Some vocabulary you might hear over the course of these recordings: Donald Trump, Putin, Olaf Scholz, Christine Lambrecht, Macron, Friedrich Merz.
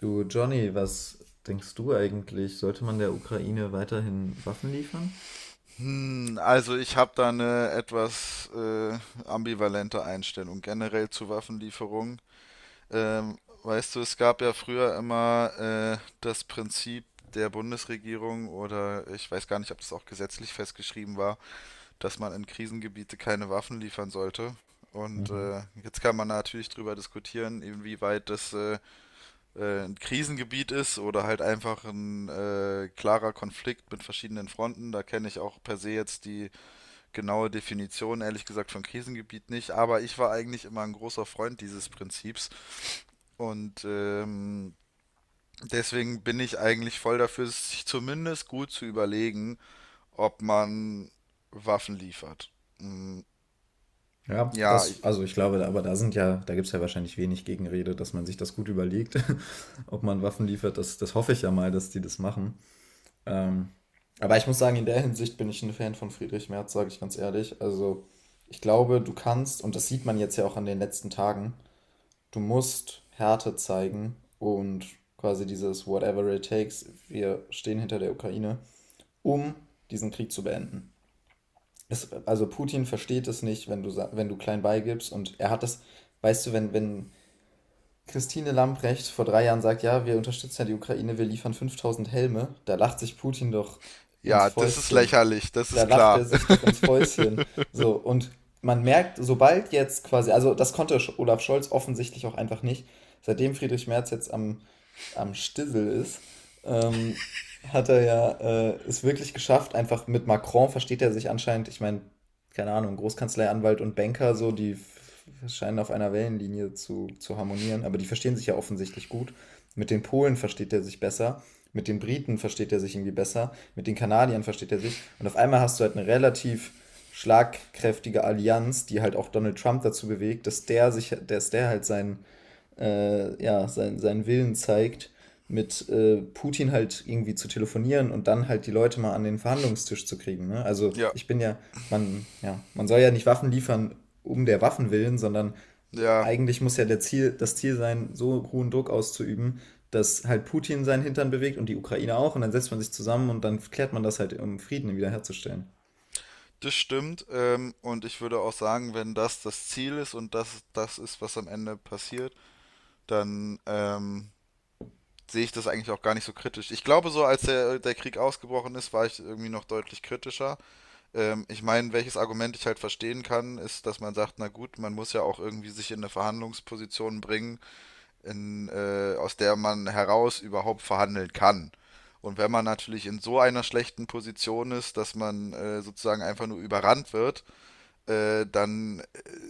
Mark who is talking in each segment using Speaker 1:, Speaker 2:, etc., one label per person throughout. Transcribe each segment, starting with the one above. Speaker 1: Du, Johnny, was denkst du eigentlich? Sollte man der Ukraine weiterhin Waffen liefern?
Speaker 2: Also ich habe da eine etwas ambivalente Einstellung generell zu Waffenlieferungen. Ähm, Weißt du, es gab ja früher immer das Prinzip der Bundesregierung oder ich weiß gar nicht, ob das auch gesetzlich festgeschrieben war, dass man in Krisengebiete keine Waffen liefern sollte. Und
Speaker 1: Mhm.
Speaker 2: jetzt kann man natürlich drüber diskutieren, inwieweit das ein Krisengebiet ist oder halt einfach ein klarer Konflikt mit verschiedenen Fronten. Da kenne ich auch per se jetzt die genaue Definition, ehrlich gesagt, von Krisengebiet nicht, aber ich war eigentlich immer ein großer Freund dieses Prinzips und deswegen bin ich eigentlich voll dafür, sich zumindest gut zu überlegen, ob man Waffen liefert. Mm,
Speaker 1: Ja,
Speaker 2: Ja,
Speaker 1: das,
Speaker 2: ich,
Speaker 1: also ich glaube, aber da sind ja, da gibt es ja wahrscheinlich wenig Gegenrede, dass man sich das gut überlegt, ob man Waffen liefert. Das, das hoffe ich ja mal, dass die das machen. Ähm, aber ich muss sagen, in der Hinsicht bin ich ein Fan von Friedrich Merz, sage ich ganz ehrlich. Also ich glaube, du kannst, und das sieht man jetzt ja auch an den letzten Tagen, du musst Härte zeigen und quasi dieses Whatever it takes, wir stehen hinter der Ukraine, um diesen Krieg zu beenden. Es, also Putin versteht es nicht, wenn du, wenn du klein beigibst, und er hat das, weißt du, wenn, wenn Christine Lambrecht vor 3 Jahren sagt, ja, wir unterstützen ja die Ukraine, wir liefern 5000 Helme, da lacht sich Putin doch ins
Speaker 2: ja, das ist
Speaker 1: Fäustchen.
Speaker 2: lächerlich, das
Speaker 1: Da
Speaker 2: ist
Speaker 1: lacht er
Speaker 2: klar.
Speaker 1: sich doch ins Fäustchen. So, und man merkt, sobald jetzt quasi, also das konnte Olaf Scholz offensichtlich auch einfach nicht, seitdem Friedrich Merz jetzt am, am Stissel ist, ähm, hat er ja es wirklich geschafft, einfach mit Macron versteht er sich anscheinend, ich meine, keine Ahnung, Großkanzlei, Anwalt und Banker, so, die scheinen auf einer Wellenlinie zu harmonieren, aber die verstehen sich ja offensichtlich gut. Mit den Polen versteht er sich besser, mit den Briten versteht er sich irgendwie besser, mit den Kanadiern versteht er sich. Und auf einmal hast du halt eine relativ schlagkräftige Allianz, die halt auch Donald Trump dazu bewegt, dass der sich, dass der halt seinen ja, sein, seinen Willen zeigt, mit Putin halt irgendwie zu telefonieren und dann halt die Leute mal an den Verhandlungstisch zu kriegen. Ne? Also
Speaker 2: Ja,
Speaker 1: ich bin ja, man soll ja nicht Waffen liefern um der Waffen willen, sondern
Speaker 2: ja,
Speaker 1: eigentlich muss ja der Ziel, das Ziel sein, so hohen Druck auszuüben, dass halt Putin seinen Hintern bewegt und die Ukraine auch, und dann setzt man sich zusammen und dann klärt man das halt, um Frieden wiederherzustellen.
Speaker 2: das stimmt. Und ich würde auch sagen, wenn das das Ziel ist und das das ist, was am Ende passiert, dann sehe ich das eigentlich auch gar nicht so kritisch. Ich glaube, so als der Krieg ausgebrochen ist, war ich irgendwie noch deutlich kritischer. Ich meine, welches Argument ich halt verstehen kann, ist, dass man sagt, na gut, man muss ja auch irgendwie sich in eine Verhandlungsposition bringen, aus der man heraus überhaupt verhandeln kann. Und wenn man natürlich in so einer schlechten Position ist, dass man sozusagen einfach nur überrannt wird, dann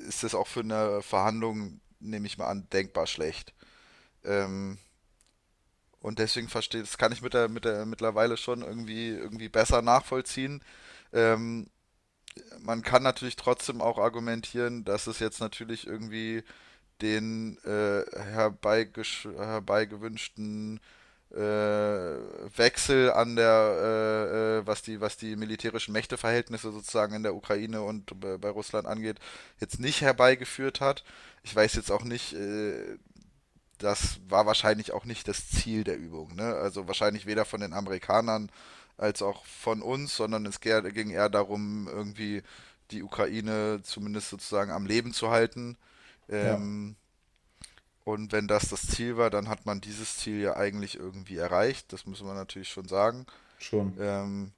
Speaker 2: ist das auch für eine Verhandlung, nehme ich mal an, denkbar schlecht. Ähm, und deswegen verstehe, das kann ich mit der mittlerweile schon irgendwie besser nachvollziehen. Ähm, Man kann natürlich trotzdem auch argumentieren, dass es jetzt natürlich irgendwie den herbeigewünschten Wechsel an was die militärischen Mächteverhältnisse sozusagen in der Ukraine und bei, bei Russland angeht, jetzt nicht herbeigeführt hat. Ich weiß jetzt auch nicht, das war wahrscheinlich auch nicht das Ziel der Übung. Ne? Also wahrscheinlich weder von den Amerikanern als auch von uns, sondern es ging eher darum, irgendwie die Ukraine zumindest sozusagen am Leben zu halten.
Speaker 1: Ja,
Speaker 2: Ähm, und wenn das das Ziel war, dann hat man dieses Ziel ja eigentlich irgendwie erreicht. Das müssen wir natürlich schon sagen.
Speaker 1: schon.
Speaker 2: Ähm,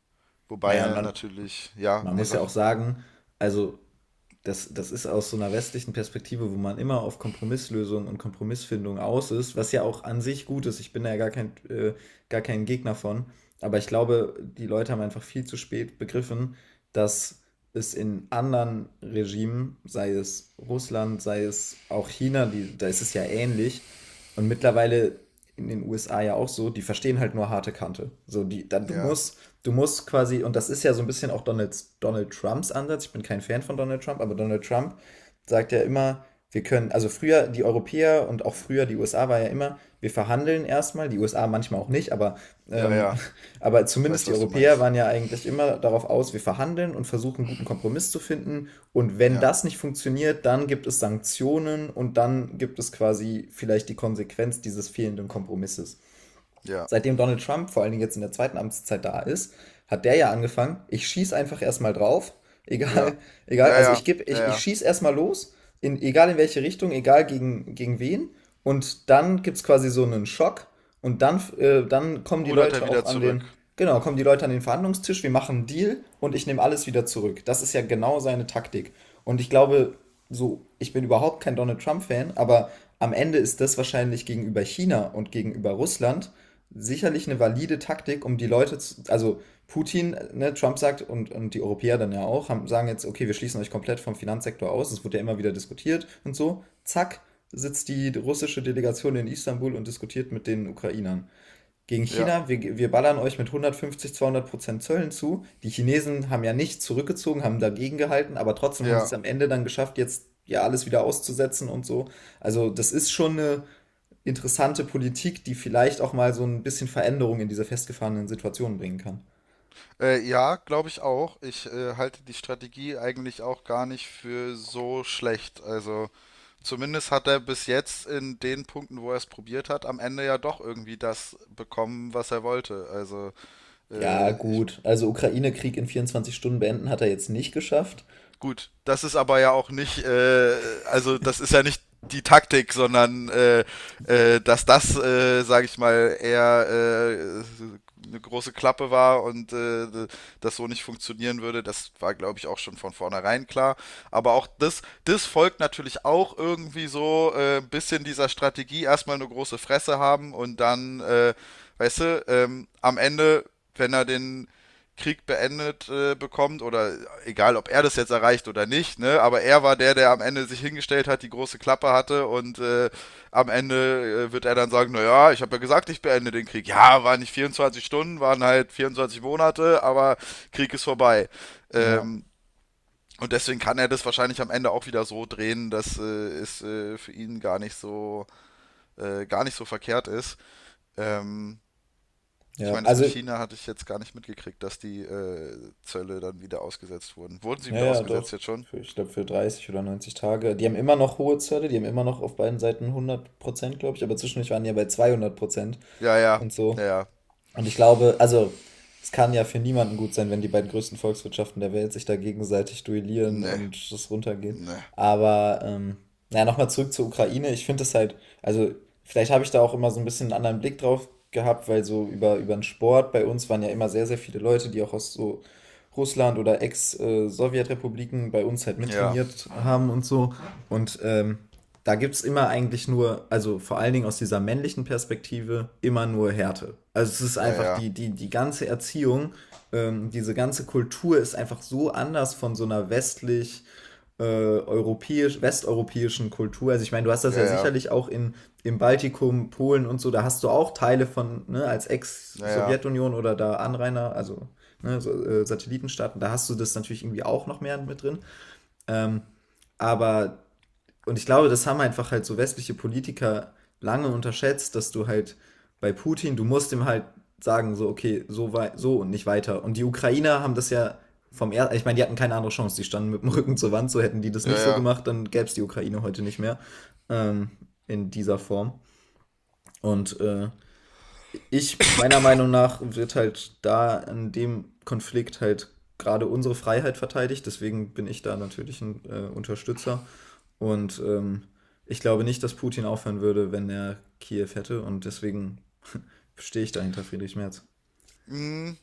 Speaker 1: Naja, und
Speaker 2: wobei
Speaker 1: man,
Speaker 2: natürlich, ja,
Speaker 1: man
Speaker 2: nee,
Speaker 1: muss ja
Speaker 2: sag,
Speaker 1: auch sagen, also das, das ist aus so einer westlichen Perspektive, wo man immer auf Kompromisslösungen und Kompromissfindung aus ist, was ja auch an sich gut ist. Ich bin da ja gar kein Gegner von. Aber ich glaube, die Leute haben einfach viel zu spät begriffen, dass es in anderen Regimen, sei es Russland, sei es auch China, die, da ist es ja ähnlich. Und mittlerweile in den USA ja auch so, die verstehen halt nur harte Kante. So, die, da, du
Speaker 2: ja,
Speaker 1: musst du musst quasi, und das ist ja so ein bisschen auch Donald, Donald Trumps Ansatz, ich bin kein Fan von Donald Trump, aber Donald Trump sagt ja immer, wir können, also früher die Europäer und auch früher die USA war ja immer, wir verhandeln erstmal, die USA manchmal auch nicht, aber,
Speaker 2: ja,
Speaker 1: ähm,
Speaker 2: ja,
Speaker 1: aber
Speaker 2: ich
Speaker 1: zumindest
Speaker 2: weiß,
Speaker 1: die
Speaker 2: was du
Speaker 1: Europäer
Speaker 2: meinst.
Speaker 1: waren ja eigentlich immer darauf aus, wir verhandeln und versuchen, einen guten Kompromiss zu finden. Und wenn
Speaker 2: Ja,
Speaker 1: das nicht funktioniert, dann gibt es Sanktionen und dann gibt es quasi vielleicht die Konsequenz dieses fehlenden Kompromisses.
Speaker 2: ja,
Speaker 1: Seitdem Donald Trump vor allen Dingen jetzt in der zweiten Amtszeit da ist, hat der ja angefangen, ich schieß einfach erstmal drauf,
Speaker 2: ja,
Speaker 1: egal,
Speaker 2: ja,
Speaker 1: egal, also
Speaker 2: ja,
Speaker 1: ich gebe,
Speaker 2: ja,
Speaker 1: ich
Speaker 2: ja.
Speaker 1: schieß erstmal los, in, egal in welche Richtung, egal gegen, gegen wen, und dann gibt's quasi so einen Schock und dann, dann kommen die
Speaker 2: Rudert er
Speaker 1: Leute auch
Speaker 2: wieder
Speaker 1: an
Speaker 2: zurück.
Speaker 1: den, genau, kommen die Leute an den Verhandlungstisch, wir machen einen Deal und ich nehme alles wieder zurück. Das ist ja genau seine Taktik. Und ich glaube, so, ich bin überhaupt kein Donald Trump-Fan, aber am Ende ist das wahrscheinlich gegenüber China und gegenüber Russland sicherlich eine valide Taktik, um die Leute zu, also Putin, ne, Trump sagt, und die Europäer dann ja auch, haben, sagen jetzt, okay, wir schließen euch komplett vom Finanzsektor aus, das wurde ja immer wieder diskutiert und so, zack, sitzt die russische Delegation in Istanbul und diskutiert mit den Ukrainern. Gegen
Speaker 2: Ja,
Speaker 1: China, wir ballern euch mit 150, 200% Zöllen zu. Die Chinesen haben ja nicht zurückgezogen, haben dagegen gehalten, aber trotzdem haben sie
Speaker 2: ja,
Speaker 1: es am Ende dann geschafft, jetzt ja alles wieder auszusetzen und so. Also das ist schon eine interessante Politik, die vielleicht auch mal so ein bisschen Veränderung in diese festgefahrenen Situationen bringen kann.
Speaker 2: Ja, glaube ich auch. Ich halte die Strategie eigentlich auch gar nicht für so schlecht. Also zumindest hat er bis jetzt in den Punkten, wo er es probiert hat, am Ende ja doch irgendwie das bekommen, was er wollte. Also
Speaker 1: Ja,
Speaker 2: ich.
Speaker 1: gut. Also Ukraine-Krieg in 24 Stunden beenden hat er jetzt nicht geschafft.
Speaker 2: Gut, das ist aber ja auch nicht, also das ist ja nicht die Taktik, sondern dass das, sage ich mal, eher äh, eine große Klappe war und das so nicht funktionieren würde, das war, glaube ich, auch schon von vornherein klar. Aber auch das, das folgt natürlich auch irgendwie so ein bisschen dieser Strategie, erstmal eine große Fresse haben und dann, weißt du, am Ende, wenn er den Krieg beendet bekommt oder egal, ob er das jetzt erreicht oder nicht, ne? Aber er war der, der am Ende sich hingestellt hat, die große Klappe hatte und am Ende wird er dann sagen, naja, ich habe ja gesagt, ich beende den Krieg. Ja, waren nicht 24 Stunden, waren halt 24 Monate, aber Krieg ist vorbei.
Speaker 1: Ja,
Speaker 2: Ähm, und deswegen kann er das wahrscheinlich am Ende auch wieder so drehen, dass es für ihn gar nicht so verkehrt ist. Ähm, ich
Speaker 1: ja.
Speaker 2: meine, das mit
Speaker 1: Also,
Speaker 2: China hatte ich jetzt gar nicht mitgekriegt, dass die Zölle dann wieder ausgesetzt wurden. Wurden sie
Speaker 1: ja,
Speaker 2: wieder
Speaker 1: ja,
Speaker 2: ausgesetzt
Speaker 1: doch.
Speaker 2: jetzt schon?
Speaker 1: Für, ich glaube, für 30 oder 90 Tage. Die haben immer noch hohe Zölle, die haben immer noch auf beiden Seiten 100%, glaube ich, aber zwischendurch waren die ja bei 200%
Speaker 2: Ja, ja,
Speaker 1: und so.
Speaker 2: ja, ja.
Speaker 1: Und ich glaube, also es kann ja für niemanden gut sein, wenn die beiden größten Volkswirtschaften der Welt sich da gegenseitig duellieren
Speaker 2: Ne,
Speaker 1: und das runtergehen.
Speaker 2: ne.
Speaker 1: Aber ja, nochmal zurück zur Ukraine. Ich finde es halt, also vielleicht habe ich da auch immer so ein bisschen einen anderen Blick drauf gehabt, weil so über, über den Sport bei uns waren ja immer sehr, sehr viele Leute, die auch aus so Russland oder Ex-Sowjetrepubliken bei uns halt
Speaker 2: Ja,
Speaker 1: mittrainiert haben und so. Und da gibt es immer eigentlich nur, also vor allen Dingen aus dieser männlichen Perspektive, immer nur Härte. Also es ist
Speaker 2: ja,
Speaker 1: einfach
Speaker 2: ja,
Speaker 1: die, die, die ganze Erziehung, diese ganze Kultur ist einfach so anders von so einer westlich, europäisch, westeuropäischen Kultur. Also ich meine, du hast das
Speaker 2: ja,
Speaker 1: ja
Speaker 2: ja,
Speaker 1: sicherlich auch in, im Baltikum, Polen und so, da hast du auch Teile von, ne, als
Speaker 2: ja, ja,
Speaker 1: Ex-Sowjetunion oder da Anrainer, also ne, so, Satellitenstaaten, da hast du das natürlich irgendwie auch noch mehr mit drin. Ähm, aber und ich glaube, das haben einfach halt so westliche Politiker lange unterschätzt, dass du halt bei Putin, du musst ihm halt sagen, so, okay, so, so und nicht weiter. Und die Ukrainer haben das ja vom ersten, ich meine, die hatten keine andere Chance, die standen mit dem Rücken zur Wand, so hätten die das
Speaker 2: ja,
Speaker 1: nicht so
Speaker 2: ja.
Speaker 1: gemacht, dann gäbe es die Ukraine heute nicht mehr ähm, in dieser Form. Und ich, meiner Meinung nach, wird halt da in dem Konflikt halt gerade unsere Freiheit verteidigt, deswegen bin ich da natürlich ein Unterstützer. Und ich glaube nicht, dass Putin aufhören würde, wenn er Kiew hätte. Und deswegen stehe ich dahinter Friedrich Merz.
Speaker 2: Hm,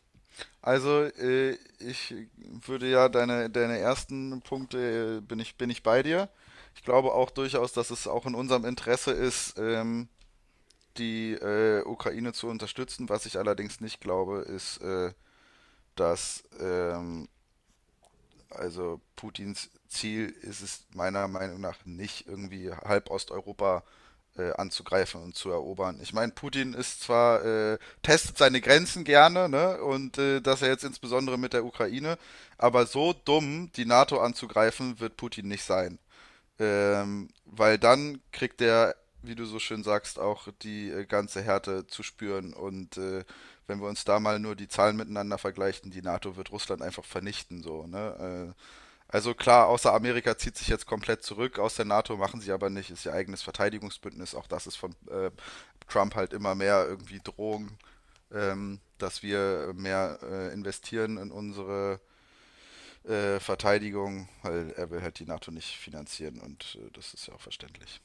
Speaker 2: also, äh, ich würde ja deine ersten Punkte, bin ich bei dir. Ich glaube auch durchaus, dass es auch in unserem Interesse ist, die Ukraine zu unterstützen. Was ich allerdings nicht glaube, ist, dass also Putins Ziel ist es meiner Meinung nach nicht, irgendwie halb Osteuropa anzugreifen und zu erobern. Ich meine, Putin ist zwar, testet seine Grenzen gerne, ne? Und das er jetzt insbesondere mit der Ukraine, aber so dumm, die NATO anzugreifen, wird Putin nicht sein. Weil dann kriegt er, wie du so schön sagst, auch die ganze Härte zu spüren. Und wenn wir uns da mal nur die Zahlen miteinander vergleichen, die NATO wird Russland einfach vernichten, so, ne? Also klar, außer Amerika zieht sich jetzt komplett zurück aus der NATO, machen sie aber nicht, ist ihr eigenes Verteidigungsbündnis. Auch das ist von Trump halt immer mehr irgendwie Drohung, dass wir mehr investieren in unsere Verteidigung, weil er will halt die NATO nicht finanzieren und das ist ja auch verständlich.